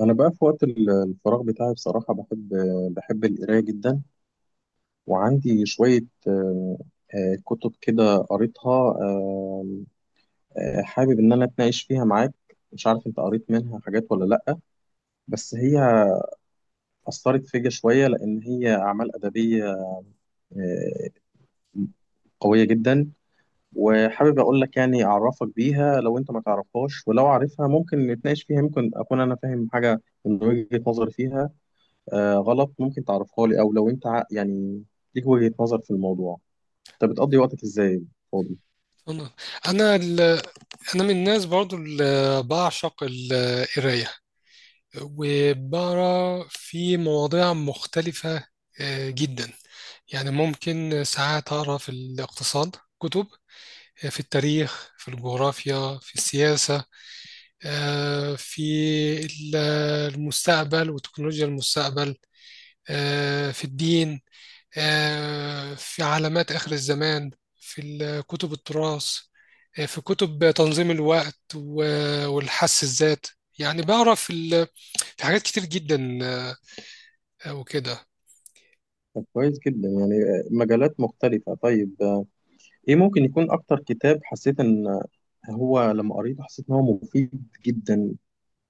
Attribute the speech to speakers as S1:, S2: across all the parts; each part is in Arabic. S1: أنا بقى في وقت الفراغ بتاعي، بصراحة بحب القراية جدا، وعندي شوية آه، كتب كده قريتها، حابب إن أنا أتناقش فيها معاك. مش عارف أنت قريت منها حاجات ولا لأ، بس هي أثرت فيا شوية، لأن هي أعمال أدبية آه، قوية جدا. وحابب أقول لك، يعني أعرفك بيها لو أنت ما تعرفهاش، ولو عارفها ممكن نتناقش فيها، ممكن أكون أنا فاهم حاجة من وجهة نظري فيها غلط، ممكن تعرفها لي. او لو انت يعني ليك وجهة نظر في الموضوع. انت بتقضي وقتك ازاي، فاضي؟
S2: انا انا ال... انا من الناس برضو اللي بعشق القرايه، وبقرا في مواضيع مختلفه جدا. يعني ممكن ساعات اقرا في الاقتصاد، كتب، في التاريخ، في الجغرافيا، في السياسه، في ال- المستقبل وتكنولوجيا المستقبل، في الدين، في علامات آخر الزمان، في كتب التراث، في كتب تنظيم الوقت و- والحس الذات. يعني بعرف ال- في حاجات كتير جدا وكده.
S1: طب كويس جدا، يعني مجالات مختلفة. طيب، ايه ممكن يكون اكتر كتاب حسيت ان هو لما قريته حسيت ان هو مفيد جدا،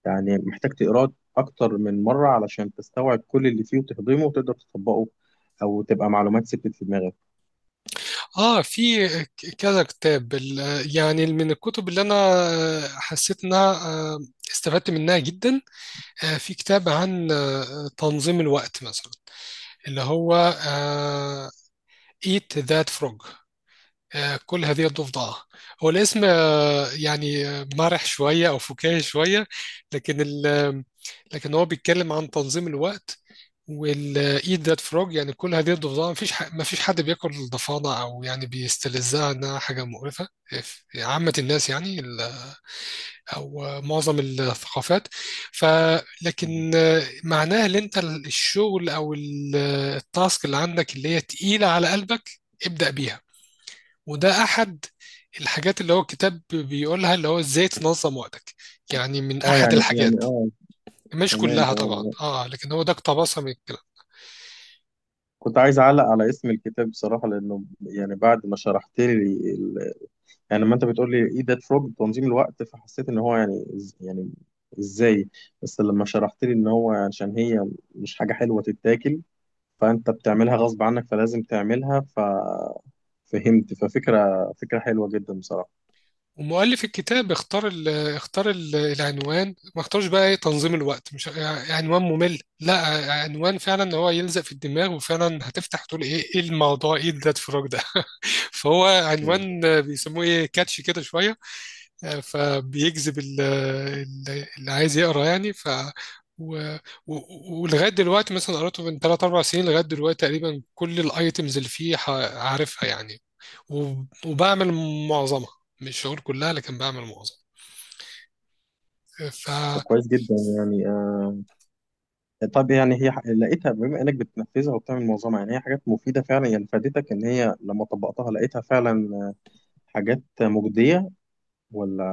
S1: يعني محتاج تقراه اكتر من مرة علشان تستوعب كل اللي فيه وتهضمه وتقدر تطبقه، او تبقى معلومات ثبتت في دماغك؟
S2: اه، في كذا كتاب، يعني من الكتب اللي انا حسيت انها استفدت منها جدا. في كتاب عن تنظيم الوقت مثلا، اللي هو آه، Eat That Frog. كل هذه الضفدعة هو الاسم. يعني مرح شوية أو فكاهي شوية، لكن ال لكن هو بيتكلم عن تنظيم الوقت. والإيد ذات فروج يعني كل هذه الضفدعة، مفيش مفيش حد بياكل الضفادع أو يعني بيستلذها، إنها حاجة مقرفة في عامة الناس، أو معظم الثقافات. ف
S1: مم.
S2: لكن معناها إن أنت الشغل أو التاسك اللي عندك اللي هي تقيلة على قلبك، ابدأ بيها. وده احد الحاجات اللي هو الكتاب بيقولها، اللي هو ازاي تنظم وقتك، يعني من
S1: اه،
S2: احد
S1: يعني،
S2: الحاجات.
S1: اه.
S2: مش
S1: تمام،
S2: كلها
S1: تمام.
S2: طبعا، اه، لكن هو ده اقتبسها من الكلام.
S1: كنت عايز اعلق على اسم الكتاب بصراحة، لانه يعني بعد ما شرحت لي، يعني لما انت بتقول لي ايه ده فروج تنظيم الوقت، فحسيت ان هو يعني يعني ازاي. بس لما شرحت لي ان هو عشان هي مش حاجه حلوه تتاكل، فانت بتعملها غصب عنك، فلازم تعملها، ففهمت. ففكره حلوه جدا بصراحه.
S2: ومؤلف الكتاب اختار ال العنوان، ما اختارش بقى ايه، تنظيم الوقت، مش عنوان ممل، لا، عنوان فعلا هو يلزق في الدماغ، وفعلا هتفتح تقول ايه، ايه الموضوع، ايه ده الفراغ ده؟ فهو
S1: مم.
S2: عنوان بيسموه ايه، كاتشي كده شويه، فبيجذب اللي عايز يقرا يعني. ف و... و... ولغايه دلوقتي مثلا، قراته من 3 4 سنين، لغايه دلوقتي تقريبا كل الايتمز اللي فيه عارفها يعني. و... وبعمل معظمها، مش هقول كلها، لكن بعمل معظمها. ف
S1: وكويس جدا، يعني طب يعني هي لقيتها، بما انك بتنفذها وبتعمل معظمها، يعني هي حاجات مفيده فعلا، يعني فادتك ان هي لما طبقتها لقيتها فعلا حاجات مجديه، ولا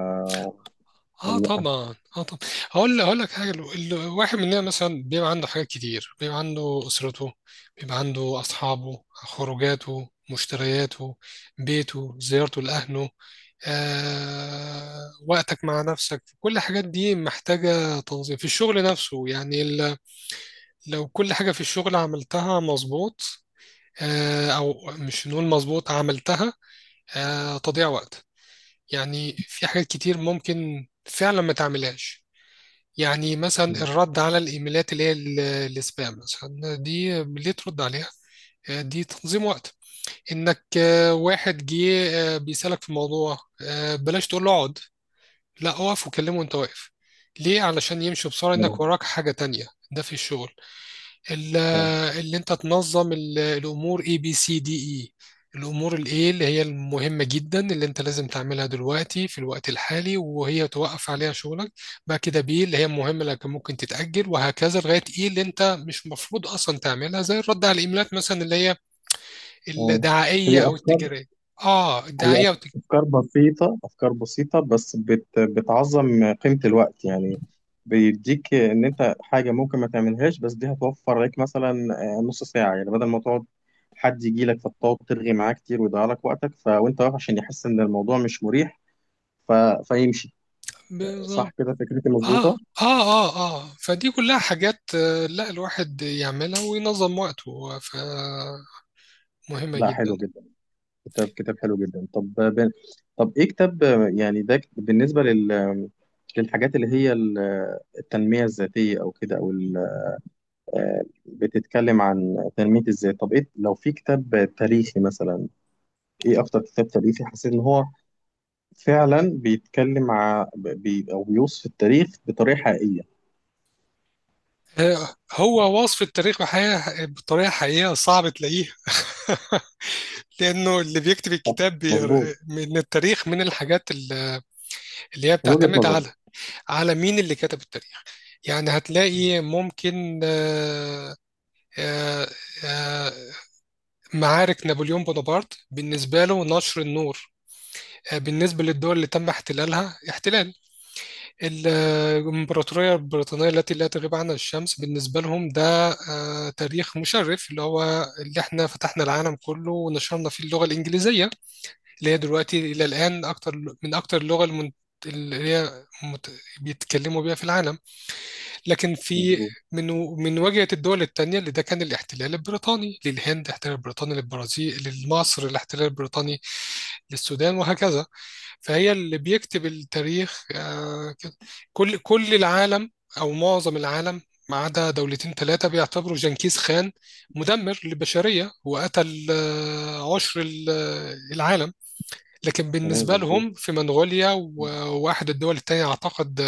S2: اه
S1: ولا
S2: طبعا، اه طبعا. هقول لك حاجه، الواحد مننا مثلا بيبقى عنده حاجات كتير، بيبقى عنده اسرته، بيبقى عنده اصحابه، خروجاته، مشترياته، بيته، زيارته لاهله، وقتك مع نفسك. كل الحاجات دي محتاجة تنظيم. في الشغل نفسه يعني لو كل حاجة في الشغل عملتها مظبوط، أو مش نقول مظبوط، عملتها تضييع وقت. يعني في حاجات كتير ممكن فعلا ما تعملهاش، يعني مثلا
S1: مم.
S2: الرد على الإيميلات اللي هي السبام مثلا، دي ليه ترد عليها؟ دي تنظيم وقت، إنك واحد جه بيسألك في موضوع، بلاش تقول له اقعد، لا، اقف وكلمه وانت واقف، ليه؟ علشان يمشي بسرعة،
S1: لا.
S2: انك
S1: مم.
S2: وراك حاجة تانية. ده في الشغل، ال-
S1: آه.
S2: اللي انت تنظم الامور، A B C D، اي الامور الايه اللي هي المهمة جدا اللي انت لازم تعملها دلوقتي في الوقت الحالي وهي توقف عليها شغلك، بعد كده بي اللي هي المهمة اللي كان ممكن تتأجل، وهكذا لغاية ايه اللي انت مش مفروض اصلا تعملها، زي الرد على الايميلات مثلا اللي هي
S1: آه. في
S2: الدعائية او
S1: افكار،
S2: التجارية. اه،
S1: هي
S2: الدعائية
S1: أفكار بسيطة، أفكار بسيطة، بس بتعظم قيمة الوقت. يعني بيديك إن أنت حاجة ممكن ما تعملهاش، بس دي هتوفر لك مثلا نص ساعة، يعني بدل ما تقعد حد يجي لك فتقعد ترغي معاه كتير ويضيع لك وقتك، وأنت واقف عشان يحس إن الموضوع مش مريح، ف... فيمشي. صح
S2: والتجارية.
S1: كده، فكرتي مظبوطة؟
S2: اه، اه، اه، اه، فدي كلها حاجات لا الواحد يعملها وينظم وقته، فمهمة
S1: لا،
S2: جدا.
S1: حلو جدا. كتاب حلو جدا. طب طب إيه كتاب، يعني ده بالنسبة للحاجات اللي هي التنمية الذاتية أو كده، أو بتتكلم عن تنمية الذات؟ طب ايه لو في كتاب تاريخي مثلا، ايه اكتر كتاب تاريخي حسيت ان هو فعلا بيتكلم او بيوصف التاريخ بطريقة حقيقية؟
S2: هو وصف التاريخ بحقيقة، بطريقة حقيقية، صعب تلاقيها. لأنه اللي بيكتب
S1: صح،
S2: الكتاب
S1: مظبوط.
S2: من التاريخ، من الحاجات اللي هي
S1: من وجهة
S2: بتعتمد
S1: نظري،
S2: على مين اللي كتب التاريخ. يعني هتلاقي ممكن آه، آه، معارك نابليون بونابرت بالنسبة له نشر النور، بالنسبة للدول اللي تم احتلالها، احتلال الإمبراطورية البريطانية التي لا تغيب عنها الشمس، بالنسبة لهم ده تاريخ مشرف، اللي هو اللي احنا فتحنا العالم كله ونشرنا فيه اللغة الإنجليزية اللي هي دلوقتي إلى الآن أكتر من أكتر اللغة اللي هي بيتكلموا بيها في العالم. لكن في
S1: مظبوط.
S2: من من واجهة الدول التانية، اللي ده كان الاحتلال البريطاني للهند، احتلال بريطاني للبرازيل، لمصر، الاحتلال البريطاني للسودان، وهكذا. فهي اللي بيكتب التاريخ كده. كل العالم، او معظم العالم، ما عدا دولتين ثلاثه، بيعتبروا جنكيز خان مدمر للبشريه وقتل عشر العالم، لكن
S1: تمام،
S2: بالنسبه
S1: مظبوط.
S2: لهم في منغوليا، وواحد الدول التانية اعتقد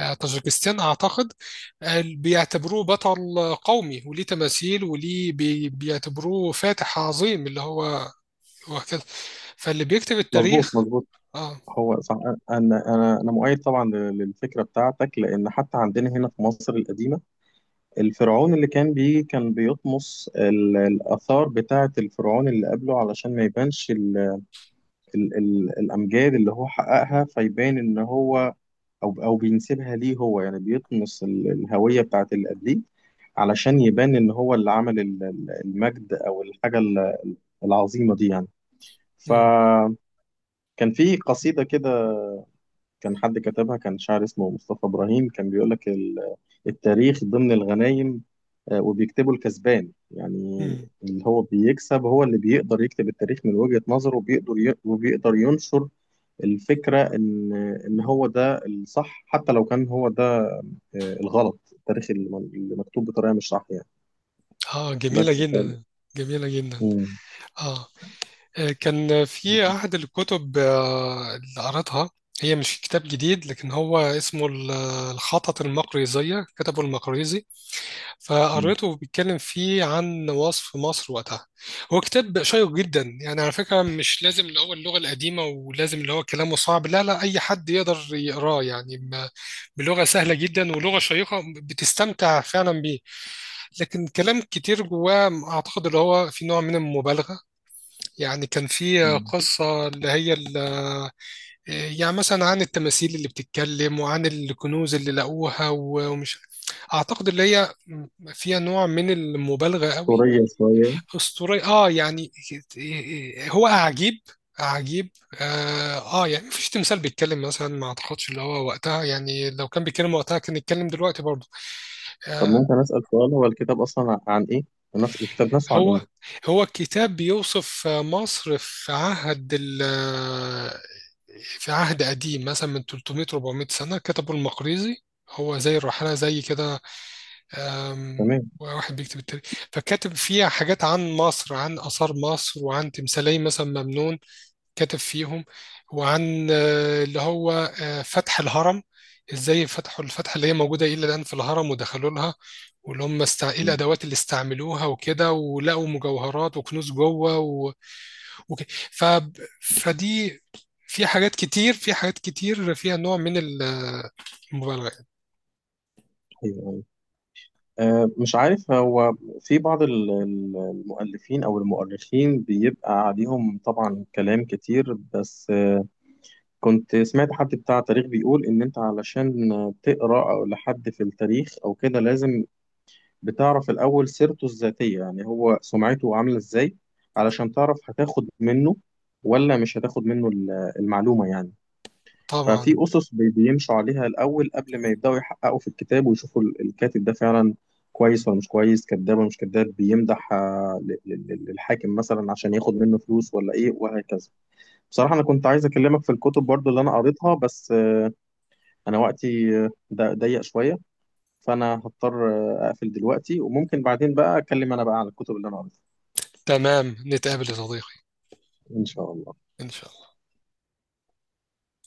S2: طاجيكستان اعتقد، بيعتبروه بطل قومي، وليه تماثيل، وليه بيعتبروه فاتح عظيم، اللي هو هو كده، فاللي بيكتب
S1: مظبوط،
S2: التاريخ.
S1: مظبوط.
S2: اه.
S1: هو صح. انا مؤيد طبعا للفكرة بتاعتك، لان حتى عندنا هنا في مصر القديمة الفرعون اللي كان بيه كان بيطمس الاثار بتاعة الفرعون اللي قبله علشان ما يبانش ال ال الامجاد اللي هو حققها، فيبان ان هو، او بينسبها ليه هو، يعني بيطمس الهويه بتاعت اللي قبليه علشان يبان ان هو اللي عمل المجد، او الحاجه العظيمه دي. يعني فكان في قصيده كده، كان حد كتبها، كان شاعر اسمه مصطفى ابراهيم، كان بيقول لك التاريخ ضمن الغنايم وبيكتبه الكسبان. يعني
S2: مم.
S1: اللي هو بيكسب، هو اللي بيقدر يكتب التاريخ من وجهة نظره، وبيقدر ينشر الفكرة إن هو ده الصح، حتى لو كان هو ده الغلط، التاريخ اللي اللي مكتوب بطريقة مش صح، يعني.
S2: اه، جميلة
S1: بس
S2: جدا، جميلة جدا.
S1: مم.
S2: اه، كان في أحد الكتب اللي قرأتها، هي مش كتاب جديد، لكن هو اسمه الخطط المقريزية، كتبه المقريزي.
S1: مم.
S2: فقريته بيتكلم فيه عن وصف مصر وقتها. هو كتاب شيق جدا، يعني على فكرة مش لازم اللي هو اللغة القديمة، ولازم اللي هو كلامه صعب، لا لا، أي حد يقدر يقراه يعني، بلغة سهلة جدا ولغة شيقة، بتستمتع فعلا بيه. لكن كلام كتير جواه اعتقد اللي هو في نوع من المبالغه، يعني كان في
S1: مم.
S2: قصه اللي هي يعني مثلا عن التماثيل اللي بتتكلم، وعن الكنوز اللي لقوها، و- ومش اعتقد اللي هي فيها نوع من المبالغه قوي.
S1: أسطورية شوية.
S2: اسطوري، اه يعني، هو اعجيب عجيب اه. يعني مفيش تمثال بيتكلم مثلا، ما اعتقدش اللي هو وقتها، يعني لو كان بيتكلم وقتها كان يتكلم دلوقتي برضه.
S1: طب
S2: آه،
S1: ممكن أسأل سؤال، هو الكتاب أصلا عن إيه؟ نفس الكتاب نفسه عن
S2: هو
S1: إيه؟
S2: هو الكتاب بيوصف مصر في عهد قديم مثلا من 300 400 سنة، كتبه المقريزي، هو زي الرحالة زي كده. أم،
S1: تمام.
S2: واحد بيكتب التاريخ، فكاتب فيها حاجات عن مصر، عن آثار مصر، وعن تمثالية مثلا ممنون كتب فيهم، وعن اللي هو فتح الهرم، ازاي فتحوا الفتحة اللي هي موجودة إلى الآن في الهرم ودخلوا لها، واللي هم ايه
S1: مم.
S2: الأدوات اللي استعملوها وكده، ولقوا مجوهرات وكنوز جوه و... وك... ف... فدي، في حاجات كتير، في حاجات كتير فيها نوع من المبالغة.
S1: أيوه. أه، مش عارف، هو في بعض المؤلفين أو المؤرخين بيبقى عليهم طبعا كلام كتير، بس كنت سمعت حد بتاع تاريخ بيقول إن أنت علشان تقرأ أو لحد في التاريخ أو كده، لازم بتعرف الأول سيرته الذاتية، يعني هو سمعته عاملة إزاي علشان تعرف هتاخد منه ولا مش هتاخد منه المعلومة، يعني. ففي
S2: طبعا.
S1: أسس بيمشوا عليها الأول قبل ما يبدأوا يحققوا في الكتاب ويشوفوا الكاتب ده فعلا كويس ولا مش كويس، كذاب ولا مش كذاب، بيمدح للحاكم مثلا عشان ياخد منه فلوس، ولا إيه، وهكذا. بصراحة أنا كنت عايز أكلمك في الكتب برضو اللي أنا قريتها، بس انا وقتي ضيق شويه، فانا هضطر اقفل دلوقتي، وممكن بعدين بقى اتكلم انا بقى عن الكتب اللي انا قريتها.
S2: تمام، نتقابل يا صديقي،
S1: ان شاء الله.
S2: إن شاء الله.